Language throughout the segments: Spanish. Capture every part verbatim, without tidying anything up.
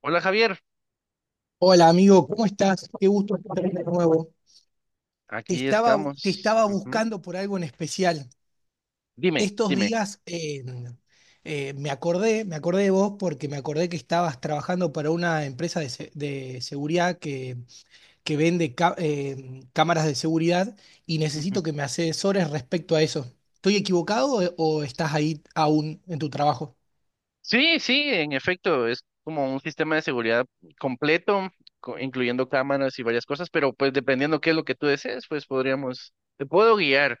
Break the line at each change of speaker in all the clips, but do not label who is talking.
Hola Javier,
Hola amigo, ¿cómo estás? Qué gusto escucharte de nuevo. Te
aquí
estaba, te
estamos.
estaba
Ujú.
buscando por algo en especial.
Dime,
Estos
dime.
días eh, eh, me acordé, me acordé de vos porque me acordé que estabas trabajando para una empresa de, se- de seguridad que, que vende ca- eh, cámaras de seguridad y
Ujú.
necesito que me asesores respecto a eso. ¿Estoy equivocado o o estás ahí aún en tu trabajo?
Sí, sí, en efecto, es como un sistema de seguridad completo, co- incluyendo cámaras y varias cosas, pero pues dependiendo qué es lo que tú desees, pues podríamos, te puedo guiar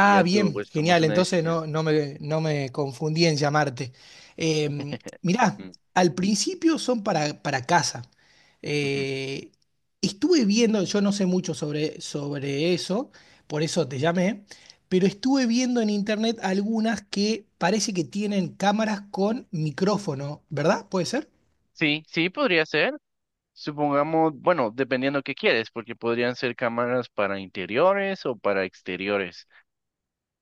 y ya tú
bien,
pues tomas
genial.
una
Entonces
decisión.
no, no me, no me confundí en llamarte. Eh, mirá,
Mm,
al principio son para, para casa.
ujú.
Eh, estuve viendo, yo no sé mucho sobre, sobre eso, por eso te llamé, pero estuve viendo en internet algunas que parece que tienen cámaras con micrófono, ¿verdad? ¿Puede ser?
Sí, sí, podría ser. Supongamos, bueno, dependiendo qué quieres, porque podrían ser cámaras para interiores o para exteriores.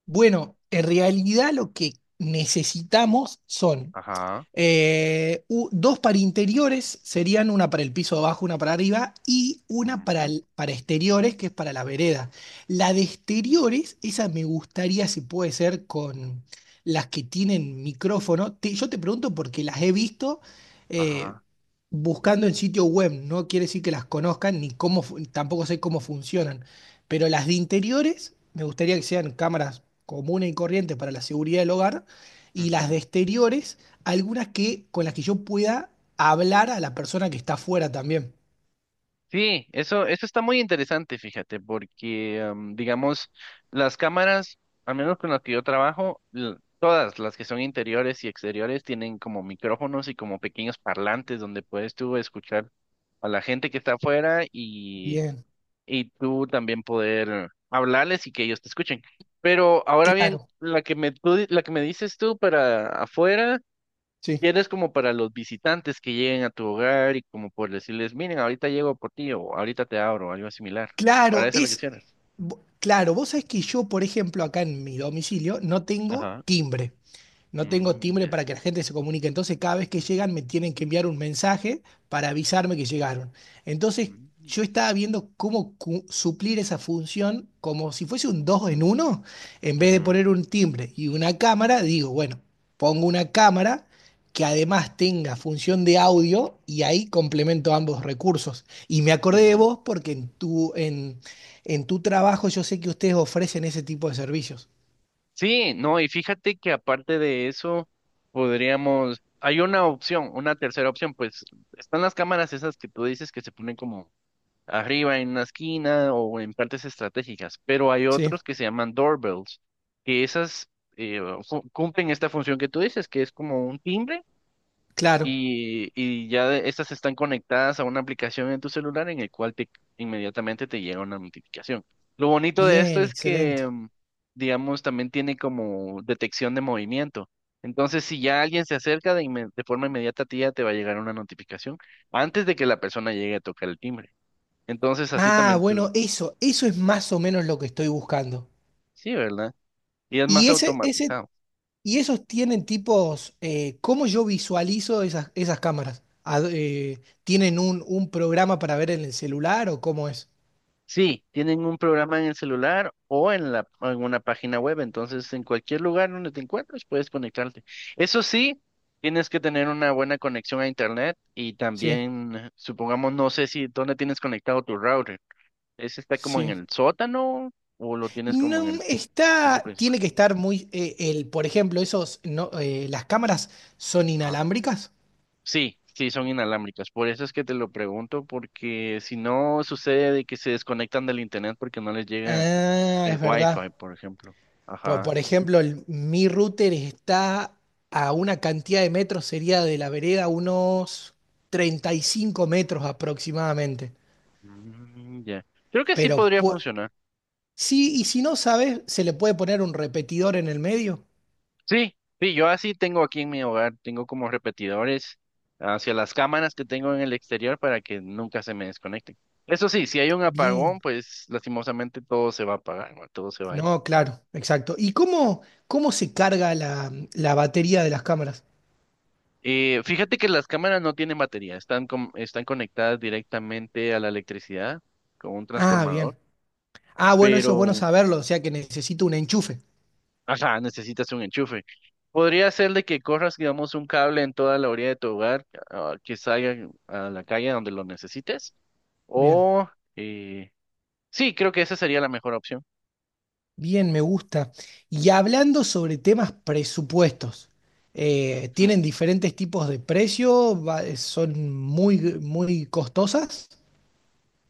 Bueno, en realidad lo que necesitamos son
Ajá.
Eh, u- dos para interiores serían una para el piso de abajo, una para arriba y una para,
Ujú.
el- para exteriores, que es para la vereda. La de exteriores, esa me gustaría si puede ser con las que tienen micrófono. Te- yo te pregunto porque las he visto eh,
Ajá.
buscando en sitio web, no quiere decir que las conozcan ni cómo, fu- tampoco sé cómo funcionan, pero las de interiores me gustaría que sean cámaras comunes y corrientes para la seguridad del hogar. Y las
Ujú.
de exteriores algunas que con las que yo pueda hablar a la persona que está afuera también.
Sí, eso, eso está muy interesante, fíjate, porque, am, digamos, las cámaras, al menos con las que yo trabajo, l- todas las que son interiores y exteriores tienen como micrófonos y como pequeños parlantes donde puedes tú escuchar a la gente que está afuera y,
Bien,
y tú también poder hablarles y que ellos te escuchen. Pero ahora bien,
claro,
la que me, tú di- la que me dices tú para afuera.
sí.
Tienes como para los visitantes que lleguen a tu hogar y como por decirles, miren, ahorita llego por ti o ahorita te abro, o algo similar. Para
Claro,
eso es lo que
es
quisieras.
vo- claro, vos sabés que yo, por ejemplo, acá en mi domicilio no tengo
Ajá.
timbre. No tengo
Mm,
timbre
ya.
para que la gente se comunique. Entonces, cada vez que llegan, me tienen que enviar un mensaje para avisarme que llegaron. Entonces,
Mm,
yo estaba viendo cómo cu- suplir esa función como si fuese un dos en uno. En vez de
ujú,
poner un timbre y una cámara, digo, bueno, pongo una cámara que además tenga función de audio y ahí complemento ambos recursos. Y me acordé de
ujú.
vos porque en tu, en, en tu trabajo yo sé que ustedes ofrecen ese tipo de servicios.
Sí, no, y fíjate que aparte de eso, podríamos, hay una opción, una tercera opción, pues están las cámaras esas que tú dices que se ponen como arriba en una esquina o en partes estratégicas, pero hay
Sí,
otros que se llaman doorbells, que esas eh, fu- cumplen esta función que tú dices, que es como un timbre
claro.
y, y ya de- estas están conectadas a una aplicación en tu celular en el cual te, inmediatamente te llega una notificación. Lo bonito de esto
Bien,
es
excelente.
que, mm, digamos, también tiene como detección de movimiento. Entonces, si ya alguien se acerca de, inme- de forma inmediata a ti, ya te va a llegar una notificación antes de que la persona llegue a tocar el timbre. Entonces así
Ah,
también tú,
bueno, eso, eso es más o menos lo que estoy buscando.
sí, ¿verdad? Y es
Y
más
ese, ese,
automatizado.
y esos tienen tipos, eh, ¿cómo yo visualizo esas, esas cámaras? Ad- eh, ¿tienen un, un programa para ver en el celular o cómo es?
Sí, tienen un programa en el celular o en la, en una página web, entonces en cualquier lugar donde te encuentres puedes conectarte. Eso sí, tienes que tener una buena conexión a internet y
Sí,
también, supongamos, no sé si dónde tienes conectado tu router. ¿Ese está como en
sí.
el sótano o lo tienes como
No,
en el piso
está,
principal?
tiene que estar muy, eh, el, por ejemplo, esos, no, eh, las cámaras son
Ajá.
inalámbricas.
Sí, sí, son inalámbricas. Por eso es que te lo pregunto, porque si no sucede de que se desconectan del internet porque no les llega
Ah,
el
es
Wi-Fi,
verdad.
por ejemplo.
Por,
Ajá.
por ejemplo, el- mi router está a una cantidad de metros, sería de la vereda unos treinta y cinco metros aproximadamente.
Mm, ya. Creo que sí
Pero
podría
pu-
funcionar.
sí, y si no sabes, se le puede poner un repetidor en el medio.
Sí, sí, yo así tengo aquí en mi hogar, tengo como repetidores hacia las cámaras que tengo en el exterior para que nunca se me desconecten. Eso sí, si hay un apagón,
Bien.
pues lastimosamente todo se va a apagar, ¿no? Todo se va a ir.
No, claro, exacto. ¿Y cómo, cómo se carga la la batería de las cámaras?
Eh, fíjate que las cámaras no tienen batería, están, con- están conectadas directamente a la electricidad con un
Ah,
transformador,
bien. Ah, bueno, eso es bueno
pero
saberlo, o sea que necesito un enchufe.
ajá, necesitas un enchufe. Podría ser de que corras, digamos, un cable en toda la orilla de tu hogar, ah, que salga a la calle donde lo necesites.
Bien,
O, eh, sí, creo que esa sería la mejor opción.
bien, me gusta. Y hablando sobre temas presupuestos, eh,
Ujú.
¿tienen diferentes tipos de precio? Va- eh, ¿Son muy, muy costosas?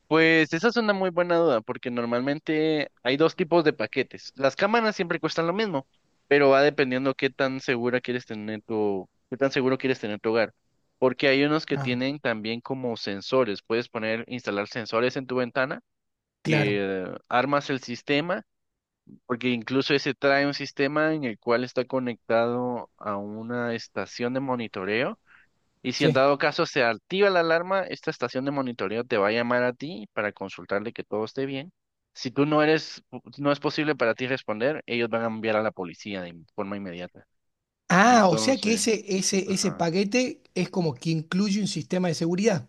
Pues esa es una muy buena duda, porque normalmente hay dos tipos de paquetes. Las cámaras siempre cuestan lo mismo, pero va dependiendo qué tan segura quieres tener tu, qué tan seguro quieres tener tu hogar. Porque hay unos que
Ah,
tienen también como sensores. Puedes poner, instalar sensores en tu ventana
claro,
que armas el sistema, porque incluso ese trae un sistema en el cual está conectado a una estación de monitoreo. Y si en
sí.
dado caso se activa la alarma, esta estación de monitoreo te va a llamar a ti para consultarle que todo esté bien. Si tú no eres, no es posible para ti responder, ellos van a enviar a la policía de forma inmediata.
Ah, o sea que
Entonces,
ese, ese, ese
ajá.
paquete es como que incluye un sistema de seguridad.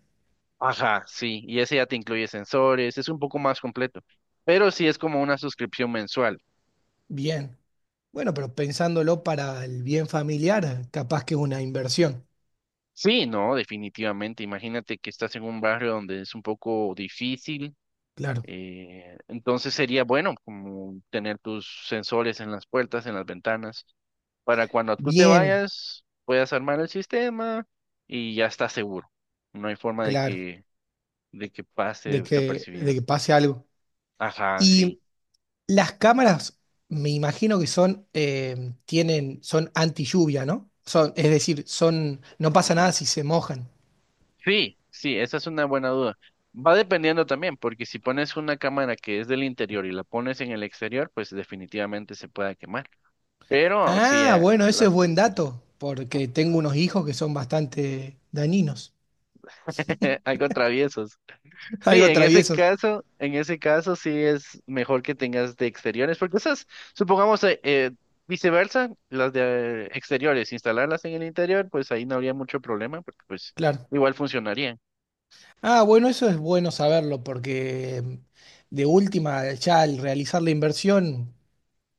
Ajá, sí, y ese ya te incluye sensores, es un poco más completo, pero sí es como una suscripción mensual.
Bien. Bueno, pero pensándolo para el bien familiar, capaz que es una inversión.
Sí, no, definitivamente. Imagínate que estás en un barrio donde es un poco difícil.
Claro.
Eh, entonces sería bueno como tener tus sensores en las puertas, en las ventanas, para cuando tú te
Bien,
vayas puedas armar el sistema y ya estás seguro. No hay forma de
claro,
que de que pase
de que, de
desapercibido.
que pase algo.
Ajá,
Y
sí.
las cámaras, me imagino que son, eh, tienen, son anti lluvia, ¿no? Son, es decir, son, no pasa nada
Ujú.
si se mojan.
Sí, sí, esa es una buena duda. Va dependiendo también, porque si pones una cámara que es del interior y la pones en el exterior, pues definitivamente se puede quemar. Pero sí,
Ah,
eh,
bueno, eso
la-
es buen
sí.
dato, porque tengo unos hijos que son bastante dañinos,
algo traviesos. Sí,
algo
en ese
traviesos,
caso, en ese caso sí es mejor que tengas de exteriores, porque esas, supongamos, eh, eh, viceversa, las de exteriores, instalarlas en el interior, pues ahí no habría mucho problema, porque pues
claro.
igual funcionaría.
Ah, bueno, eso es bueno saberlo, porque mm, de última, ya al realizar la inversión,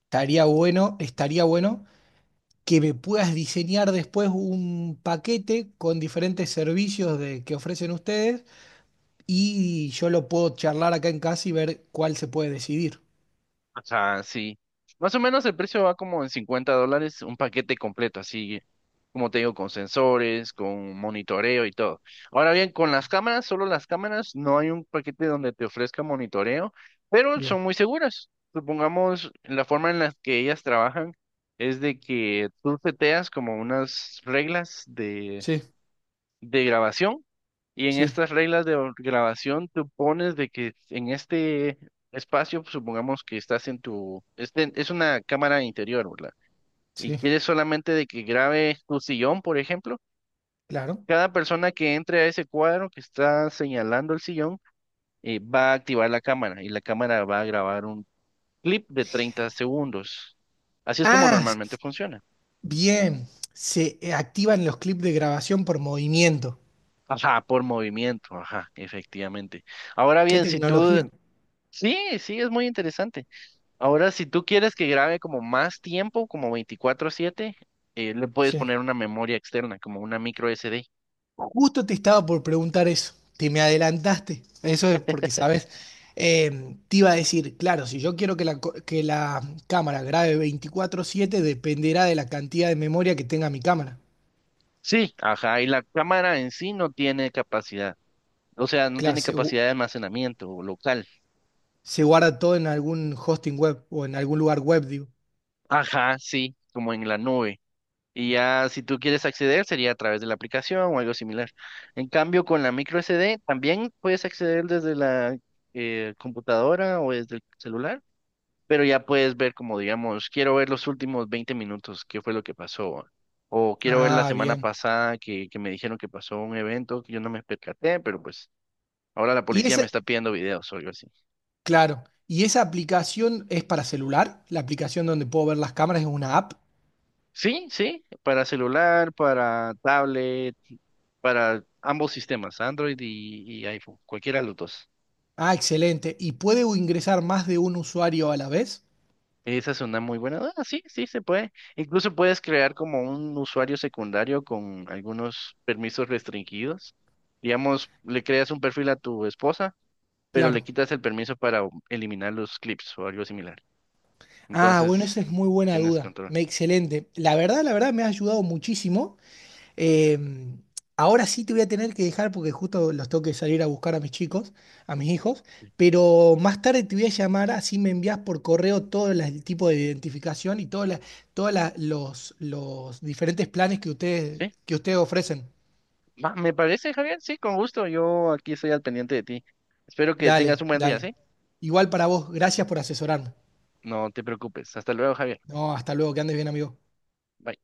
estaría bueno, estaría bueno que me puedas diseñar después un paquete con diferentes servicios de, que ofrecen ustedes y yo lo puedo charlar acá en casa y ver cuál se puede decidir.
Ajá, sí. Más o menos el precio va como en cincuenta dólares, un paquete completo, así como te digo, con sensores, con monitoreo y todo. Ahora bien, con las cámaras, solo las cámaras, no hay un paquete donde te ofrezca monitoreo, pero
Bien,
son muy seguras. Supongamos, la forma en la que ellas trabajan es de que tú seteas como unas reglas de,
sí,
de grabación y en
sí,
estas reglas de or- grabación, tú pones de que en este espacio, supongamos que estás en tu, este, es una cámara interior, ¿verdad? Y
sí,
quieres solamente de que grabe tu sillón, por ejemplo.
claro.
Cada persona que entre a ese cuadro que está señalando el sillón, eh, va a activar la cámara y la cámara va a grabar un clip de treinta segundos. Así es como
Ah,
normalmente
s-
funciona.
Bien, se eh, activan los clips de grabación por movimiento.
Ajá, por movimiento, ajá, efectivamente. Ahora
¿Qué
bien, si
tecnología?
tú... Sí, sí, es muy interesante. Ahora, si tú quieres que grabe como más tiempo, como veinticuatro siete, eh, le puedes
Sí.
poner una memoria externa, como una micro S D.
Justo te estaba por preguntar eso, te me adelantaste. Eso es porque, ¿sabes? Eh, te iba a decir, claro, si yo quiero que la, co- que la cámara grabe veinticuatro siete dependerá de la cantidad de memoria que tenga mi cámara.
Sí, ajá, y la cámara en sí no tiene capacidad, o sea, no
Claro,
tiene
se-
capacidad de almacenamiento local.
Se guarda todo en algún hosting web o en algún lugar web, digo.
Ajá, sí, como en la nube. Y ya si tú quieres acceder sería a través de la aplicación o algo similar. En cambio, con la micro S D también puedes acceder desde la eh, computadora o desde el celular pero ya puedes ver como, digamos, quiero ver los últimos veinte minutos, qué fue lo que pasó. O quiero ver la
Ah,
semana
bien.
pasada que, que me dijeron que pasó un evento que yo no me percaté, pero pues ahora la
Y
policía
esa,
me está pidiendo videos o algo así.
claro. ¿Y esa aplicación es para celular? La aplicación donde puedo ver las cámaras es una app.
Sí, sí, para celular, para tablet, para ambos sistemas, Android y, y iPhone, cualquiera de los dos.
Ah, excelente. ¿Y puede ingresar más de un usuario a la vez?
Esa es una muy buena. Ah, sí, sí, se puede. Incluso puedes crear como un usuario secundario con algunos permisos restringidos. Digamos, le creas un perfil a tu esposa, pero le
Claro.
quitas el permiso para u- eliminar los clips o algo similar.
Ah, bueno,
Entonces,
esa es muy buena
tienes
duda.
control.
Me- Excelente. La verdad, la verdad, me ha ayudado muchísimo. Eh, ahora sí te voy a tener que dejar porque justo los tengo que salir a buscar a mis chicos, a mis hijos,
Sí.
pero más tarde te voy a llamar, así me envías por correo todo la- el tipo de identificación y todos los, los diferentes planes que ustedes,
Sí.
que ustedes ofrecen.
Va, me parece, Javier. Sí, con gusto. Yo aquí estoy al pendiente de ti. Espero que tengas
Dale,
un buen día,
dale.
¿sí?
Igual para vos, gracias por asesorarme.
No te preocupes. Hasta luego, Javier.
No, hasta luego, que andes bien, amigo.
Bye.